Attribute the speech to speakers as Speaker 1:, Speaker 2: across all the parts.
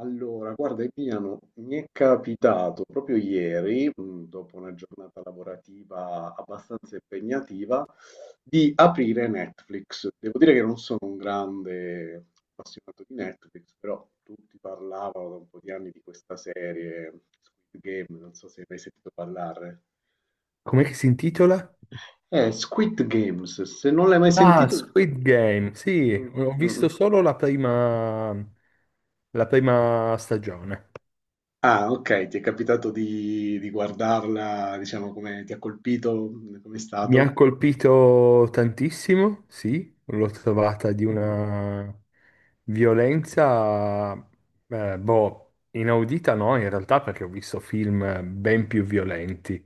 Speaker 1: Allora, guarda Emiliano, mi è capitato proprio ieri, dopo una giornata lavorativa abbastanza impegnativa, di aprire Netflix. Devo dire che non sono un grande appassionato di Netflix, però tutti parlavano da un po' di anni di questa serie, Squid Game, non so se hai mai sentito parlare.
Speaker 2: Com'è che si intitola?
Speaker 1: Squid Games, se non l'hai mai
Speaker 2: Ah,
Speaker 1: sentito...
Speaker 2: Squid Game. Sì,
Speaker 1: Mm,
Speaker 2: ho
Speaker 1: mm.
Speaker 2: visto
Speaker 1: Mm.
Speaker 2: solo la prima stagione.
Speaker 1: Ah, ok, ti è capitato di guardarla, diciamo, come ti ha colpito, come è
Speaker 2: Mi ha
Speaker 1: stato?
Speaker 2: colpito tantissimo, sì, l'ho trovata di una violenza, boh, inaudita no, in realtà perché ho visto film ben più violenti,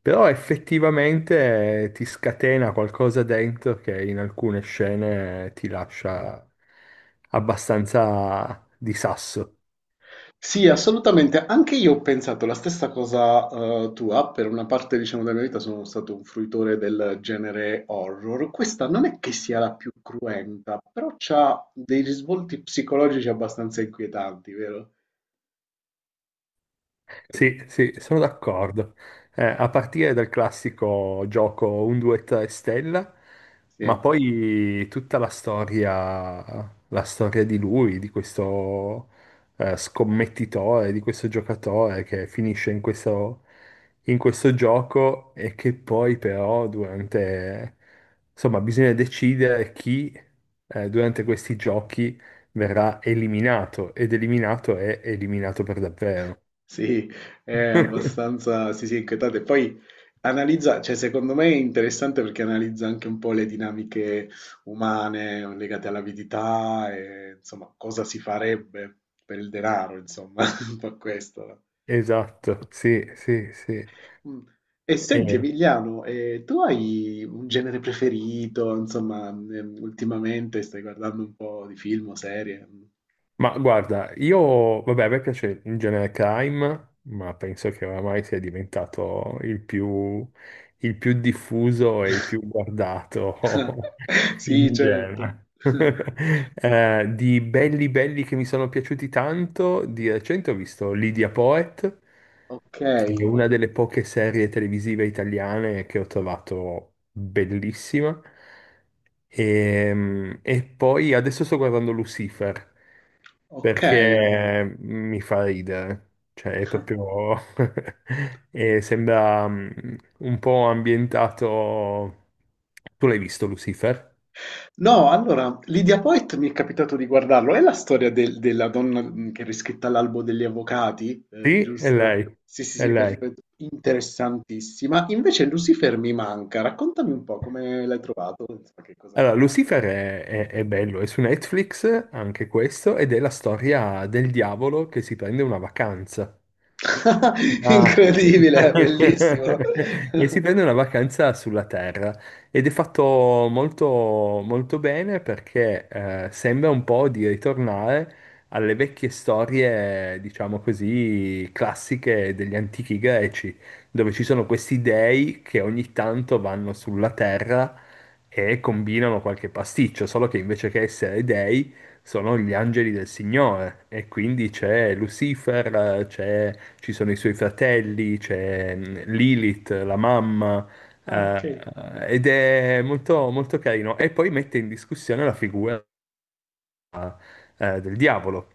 Speaker 2: però effettivamente ti scatena qualcosa dentro che in alcune scene ti lascia abbastanza di sasso.
Speaker 1: Sì, assolutamente, anche io ho pensato la stessa cosa tua, per una parte, diciamo, della mia vita sono stato un fruitore del genere horror. Questa non è che sia la più cruenta, però ha dei risvolti psicologici abbastanza inquietanti, vero? Eh,
Speaker 2: Sì, sì, sono d'accordo. A partire dal classico gioco un, due, tre stella, ma
Speaker 1: Sì.
Speaker 2: poi tutta la storia di lui, di questo scommettitore, di questo giocatore che finisce in questo gioco e che poi però durante, insomma, bisogna decidere chi durante questi giochi verrà eliminato ed eliminato è eliminato per davvero.
Speaker 1: Sì, è abbastanza, sì, sì, inquietante. Poi analizza, cioè secondo me è interessante perché analizza anche un po' le dinamiche umane legate all'avidità e insomma cosa si farebbe per il denaro, insomma, un po' questo, no?
Speaker 2: Esatto, sì, sì, sì.
Speaker 1: Mm. E senti
Speaker 2: Eh,
Speaker 1: Emiliano, tu hai un genere preferito? Insomma, ultimamente stai guardando un po' di film o serie?
Speaker 2: ma guarda, io, vabbè, a me piace in genere crime, ma penso che oramai sia diventato il più diffuso e il più guardato
Speaker 1: Sì,
Speaker 2: in
Speaker 1: certo.
Speaker 2: genere. Di belli belli che mi sono piaciuti tanto, di recente ho visto Lydia Poet,
Speaker 1: Ok,
Speaker 2: che è una delle poche serie televisive italiane che ho trovato bellissima. E, poi adesso sto guardando Lucifer
Speaker 1: ok.
Speaker 2: perché mi fa ridere, cioè è proprio... e sembra un po' ambientato... Tu l'hai visto Lucifer?
Speaker 1: No, allora, Lydia Poet mi è capitato di guardarlo. È la storia della donna che è riscritta all'albo degli avvocati,
Speaker 2: Sì, è
Speaker 1: giusto?
Speaker 2: lei,
Speaker 1: Sì, sì,
Speaker 2: è
Speaker 1: sì,
Speaker 2: lei.
Speaker 1: perfetto. Interessantissima. Invece Lucifer mi manca. Raccontami un po' come l'hai trovato, insomma, che cosa...
Speaker 2: Allora, Lucifer è bello, è su Netflix anche questo, ed è la storia del diavolo che si prende una vacanza. Ah.
Speaker 1: Incredibile, bellissimo.
Speaker 2: E si prende una vacanza sulla Terra ed è fatto molto, molto bene perché sembra un po' di ritornare alle vecchie storie, diciamo così, classiche degli antichi greci, dove ci sono questi dei che ogni tanto vanno sulla Terra e combinano qualche pasticcio, solo che invece che essere dei sono gli angeli del Signore e quindi c'è Lucifer, ci sono i suoi fratelli, c'è Lilith, la mamma,
Speaker 1: Ah, ok.
Speaker 2: eh, ed è molto, molto carino. E poi mette in discussione la figura del diavolo,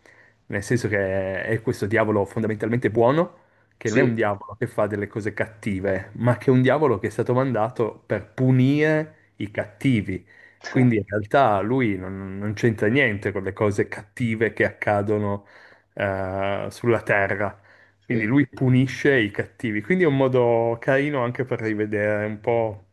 Speaker 2: nel senso che è questo diavolo fondamentalmente buono, che non è un
Speaker 1: Sì.
Speaker 2: diavolo che fa delle cose cattive, ma che è un diavolo che è stato mandato per punire i cattivi. Quindi in realtà lui non c'entra niente con le cose cattive che accadono sulla terra. Quindi
Speaker 1: Sì,
Speaker 2: lui punisce i cattivi. Quindi è un modo carino anche per rivedere un po',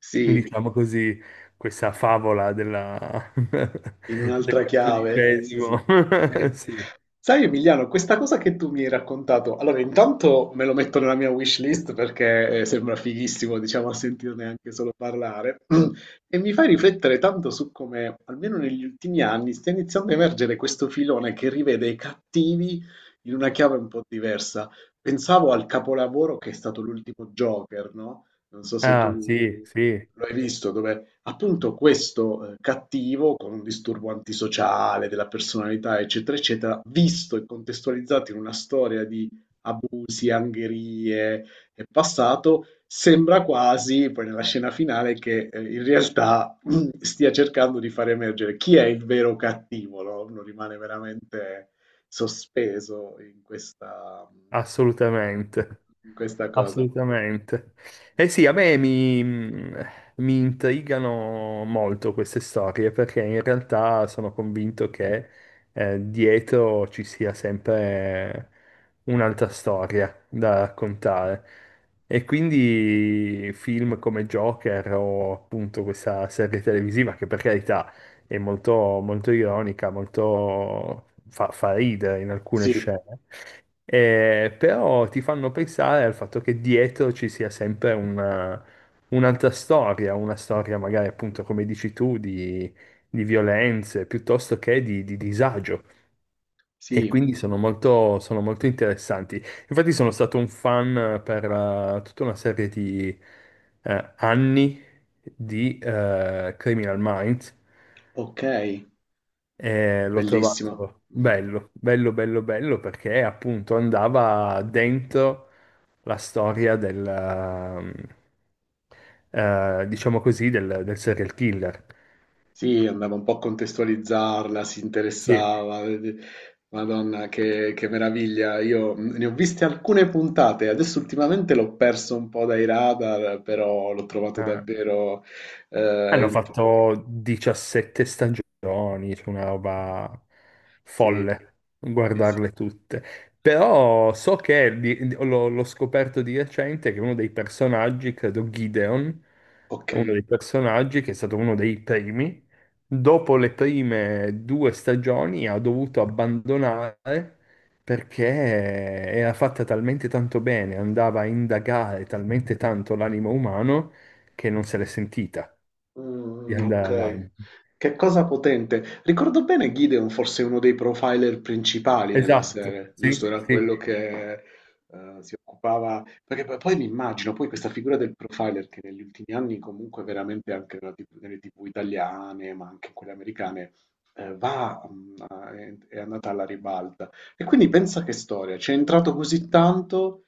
Speaker 1: sì.
Speaker 2: diciamo così, questa favola della...
Speaker 1: In
Speaker 2: del
Speaker 1: un'altra chiave? Sì, sì.
Speaker 2: cattolicesimo.
Speaker 1: Sì.
Speaker 2: Sì.
Speaker 1: Sai Emiliano, questa cosa che tu mi hai raccontato, allora intanto me lo metto nella mia wish list perché sembra fighissimo, diciamo, a sentirne anche solo parlare, e mi fai riflettere tanto su come, almeno negli ultimi anni, stia iniziando a emergere questo filone che rivede i cattivi in una chiave un po' diversa. Pensavo al capolavoro che è stato l'ultimo Joker, no? Non so se
Speaker 2: Ah, sì,
Speaker 1: tu
Speaker 2: sì,
Speaker 1: lo hai visto, dove appunto questo, cattivo con un disturbo antisociale della personalità, eccetera, eccetera, visto e contestualizzato in una storia di abusi, angherie e passato, sembra quasi, poi nella scena finale, che in realtà stia cercando di far emergere chi è il vero cattivo, no? Uno rimane veramente sospeso
Speaker 2: assolutamente.
Speaker 1: in questa cosa.
Speaker 2: Assolutamente. Eh sì, mi intrigano molto queste storie perché in realtà sono convinto che dietro ci sia sempre un'altra storia da raccontare. E quindi film come Joker o appunto questa serie televisiva che per carità è molto, molto ironica, molto fa ridere in alcune
Speaker 1: Sì,
Speaker 2: scene. Però ti fanno pensare al fatto che dietro ci sia sempre un'altra storia, una storia magari appunto come dici tu di violenze piuttosto che di disagio e
Speaker 1: sì,
Speaker 2: quindi sono molto interessanti. Infatti sono stato un fan per tutta una serie di anni di Criminal Minds
Speaker 1: ok,
Speaker 2: e l'ho
Speaker 1: bellissimo.
Speaker 2: trovato
Speaker 1: Mhm.
Speaker 2: bello, bello, bello, bello perché appunto andava dentro la storia diciamo così, del serial killer.
Speaker 1: Sì, andava un po' a contestualizzarla, si
Speaker 2: Sì,
Speaker 1: interessava. Madonna, che meraviglia. Io ne ho viste alcune puntate, adesso ultimamente l'ho perso un po' dai radar, però l'ho trovato
Speaker 2: Ah.
Speaker 1: davvero...
Speaker 2: Hanno
Speaker 1: in-
Speaker 2: fatto 17 stagioni, c'è una roba
Speaker 1: Sì,
Speaker 2: folle
Speaker 1: sì, sì.
Speaker 2: guardarle tutte. Però so che l'ho scoperto di recente che uno dei personaggi, credo Gideon,
Speaker 1: Ok.
Speaker 2: è uno dei personaggi che è stato uno dei primi, dopo le prime due stagioni ha dovuto abbandonare perché era fatta talmente tanto bene, andava a indagare talmente tanto l'animo umano che non se l'è sentita di
Speaker 1: Mm,
Speaker 2: andare
Speaker 1: ok.
Speaker 2: avanti.
Speaker 1: Che cosa potente. Ricordo bene Gideon fosse uno dei profiler principali nella
Speaker 2: Esatto,
Speaker 1: serie, giusto?
Speaker 2: sì,
Speaker 1: Era
Speaker 2: sì.
Speaker 1: quello che si occupava... Perché poi, poi mi immagino poi questa figura del profiler che negli ultimi anni comunque veramente anche nella TV nelle TV italiane, ma anche in quelle americane, va, mm, è andata alla ribalta. E quindi pensa che storia, ci è entrato così tanto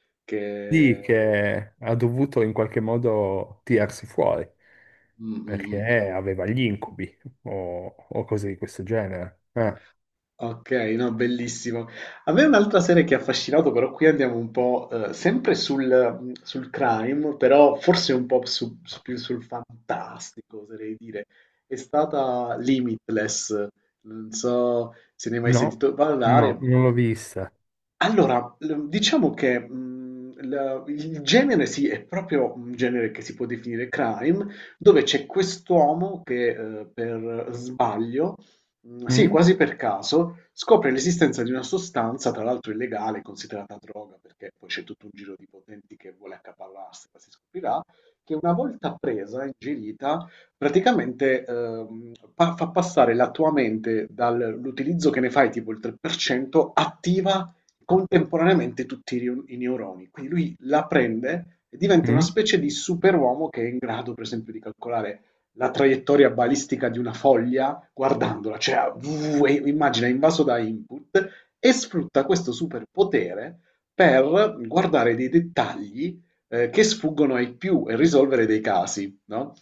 Speaker 2: Sì,
Speaker 1: che...
Speaker 2: che ha dovuto in qualche modo tirarsi fuori
Speaker 1: Mm, mm, mm.
Speaker 2: perché aveva gli incubi o cose di questo genere. Ah,
Speaker 1: Ok, no, bellissimo. A me un'altra serie che ha affascinato, però qui andiamo un po' sempre sul crime, però forse un po' più sul fantastico, oserei dire, è stata Limitless. Non so se ne hai mai
Speaker 2: no,
Speaker 1: sentito
Speaker 2: no,
Speaker 1: parlare.
Speaker 2: non l'ho vista.
Speaker 1: Allora, l diciamo che, l il genere sì, è proprio un genere che si può definire crime, dove c'è quest'uomo che, per sbaglio, sì,
Speaker 2: Mm?
Speaker 1: quasi per caso, scopre l'esistenza di una sostanza, tra l'altro illegale, considerata droga, perché poi c'è tutto un giro di potenti che vuole accaparrarsela, si scoprirà, che una volta presa, ingerita, praticamente, pa fa passare la tua mente dall'utilizzo che ne fai tipo il 3%, attiva contemporaneamente tutti i i neuroni. Quindi lui la prende e diventa una
Speaker 2: Mm?
Speaker 1: specie di superuomo che è in grado, per esempio, di calcolare la traiettoria balistica di una foglia guardandola, cioè e immagina invaso da input e sfrutta questo superpotere per guardare dei dettagli che sfuggono ai più e risolvere dei casi, no?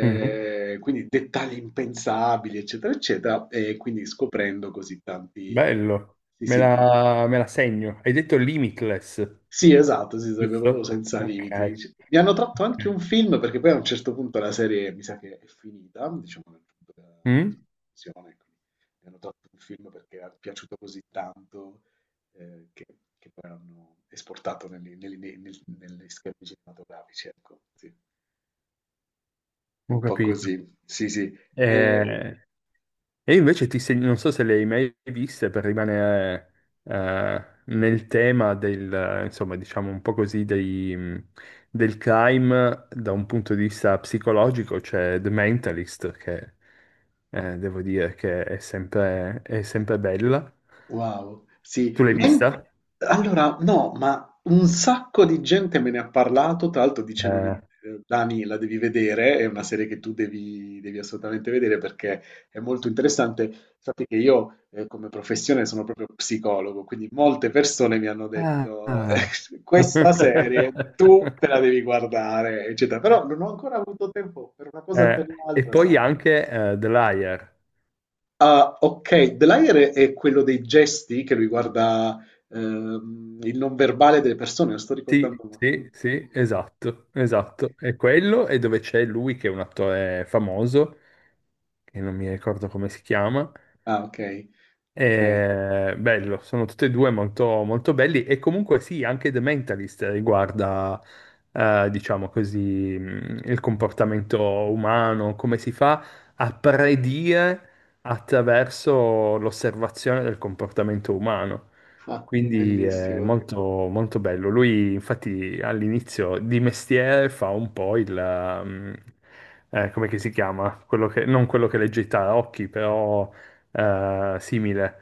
Speaker 2: Mhm.
Speaker 1: Quindi dettagli impensabili, eccetera, eccetera, e quindi scoprendo così tanti,
Speaker 2: Bello,
Speaker 1: sì, sì,
Speaker 2: me la segno. Hai detto limitless,
Speaker 1: sì, esatto, sì, sarebbe proprio
Speaker 2: giusto?
Speaker 1: senza
Speaker 2: Ok.
Speaker 1: limiti. C- Mi hanno tratto
Speaker 2: Ok.
Speaker 1: anche un film perché poi a un certo punto la serie mi sa che è finita, diciamo nel punto della
Speaker 2: Mm?
Speaker 1: conclusione, quindi mi hanno tratto un film perché è piaciuto così tanto eh, che, che poi hanno esportato negli schermi cinematografici, ecco, sì. È
Speaker 2: Ho
Speaker 1: un po'
Speaker 2: capito.
Speaker 1: così, sì, sì. Eh,
Speaker 2: Eh, E invece non so se le hai mai viste per rimanere nel tema del, insomma, diciamo un po' così dei, del crime da un punto di vista psicologico, c'è The Mentalist, che devo dire che è sempre bella.
Speaker 1: wow, sì,
Speaker 2: Tu l'hai
Speaker 1: ma in-
Speaker 2: vista?
Speaker 1: allora no, ma un sacco di gente me ne ha parlato, tra l'altro dicendomi,
Speaker 2: Eh,
Speaker 1: Dani, la devi vedere, è una serie che tu devi assolutamente vedere perché è molto interessante. Sappi che io come professione sono proprio psicologo, quindi molte persone mi hanno
Speaker 2: ah.
Speaker 1: detto,
Speaker 2: ah.
Speaker 1: questa serie tu te la devi guardare, eccetera, però non ho ancora avuto tempo per una cosa o per
Speaker 2: E
Speaker 1: l'altra,
Speaker 2: poi
Speaker 1: sai.
Speaker 2: anche The Liar.
Speaker 1: Ah, ok. The Liar è quello dei gesti che riguarda il non verbale delle persone, lo sto ricordando.
Speaker 2: Sì, sì,
Speaker 1: Mm.
Speaker 2: sì, esatto,
Speaker 1: Ok.
Speaker 2: esatto. È quello e dove c'è lui che è un attore famoso, che non mi ricordo come si chiama,
Speaker 1: Ah, ok. Ok.
Speaker 2: bello, sono tutti e due molto, molto belli e comunque sì, anche The Mentalist riguarda, diciamo così, il comportamento umano, come si fa a predire attraverso l'osservazione del comportamento umano.
Speaker 1: Ah,
Speaker 2: Quindi è
Speaker 1: bellissimo.
Speaker 2: molto, molto bello. Lui infatti all'inizio di mestiere fa un po' il... come che si chiama? Quello che- non quello che legge i tarocchi, però simile.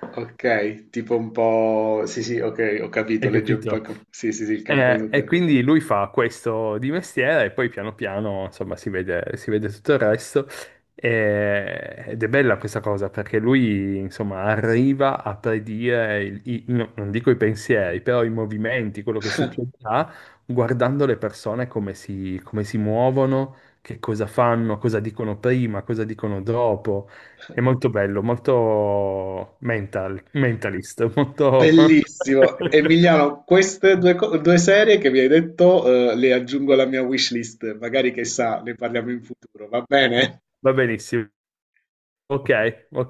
Speaker 1: Ok, tipo un po'... Sì, sì, ok, ho capito,
Speaker 2: Hai
Speaker 1: legge un po'...
Speaker 2: capito?
Speaker 1: Sì, sì, sì, il campo
Speaker 2: E
Speaker 1: esoterico.
Speaker 2: quindi lui fa questo di mestiere e poi piano piano, insomma, si vede tutto il resto. Ed è bella questa cosa perché lui, insomma, arriva a predire, no, non dico i pensieri, però i movimenti, quello che succederà, guardando le persone come si muovono, che cosa fanno, cosa dicono prima, cosa dicono dopo. È molto bello, mentalist, molto...
Speaker 1: Bellissimo. Emiliano, queste due, due serie che mi hai detto, le aggiungo alla mia wishlist, magari che sa, ne parliamo in futuro, va bene?
Speaker 2: Va benissimo. Ok, ok.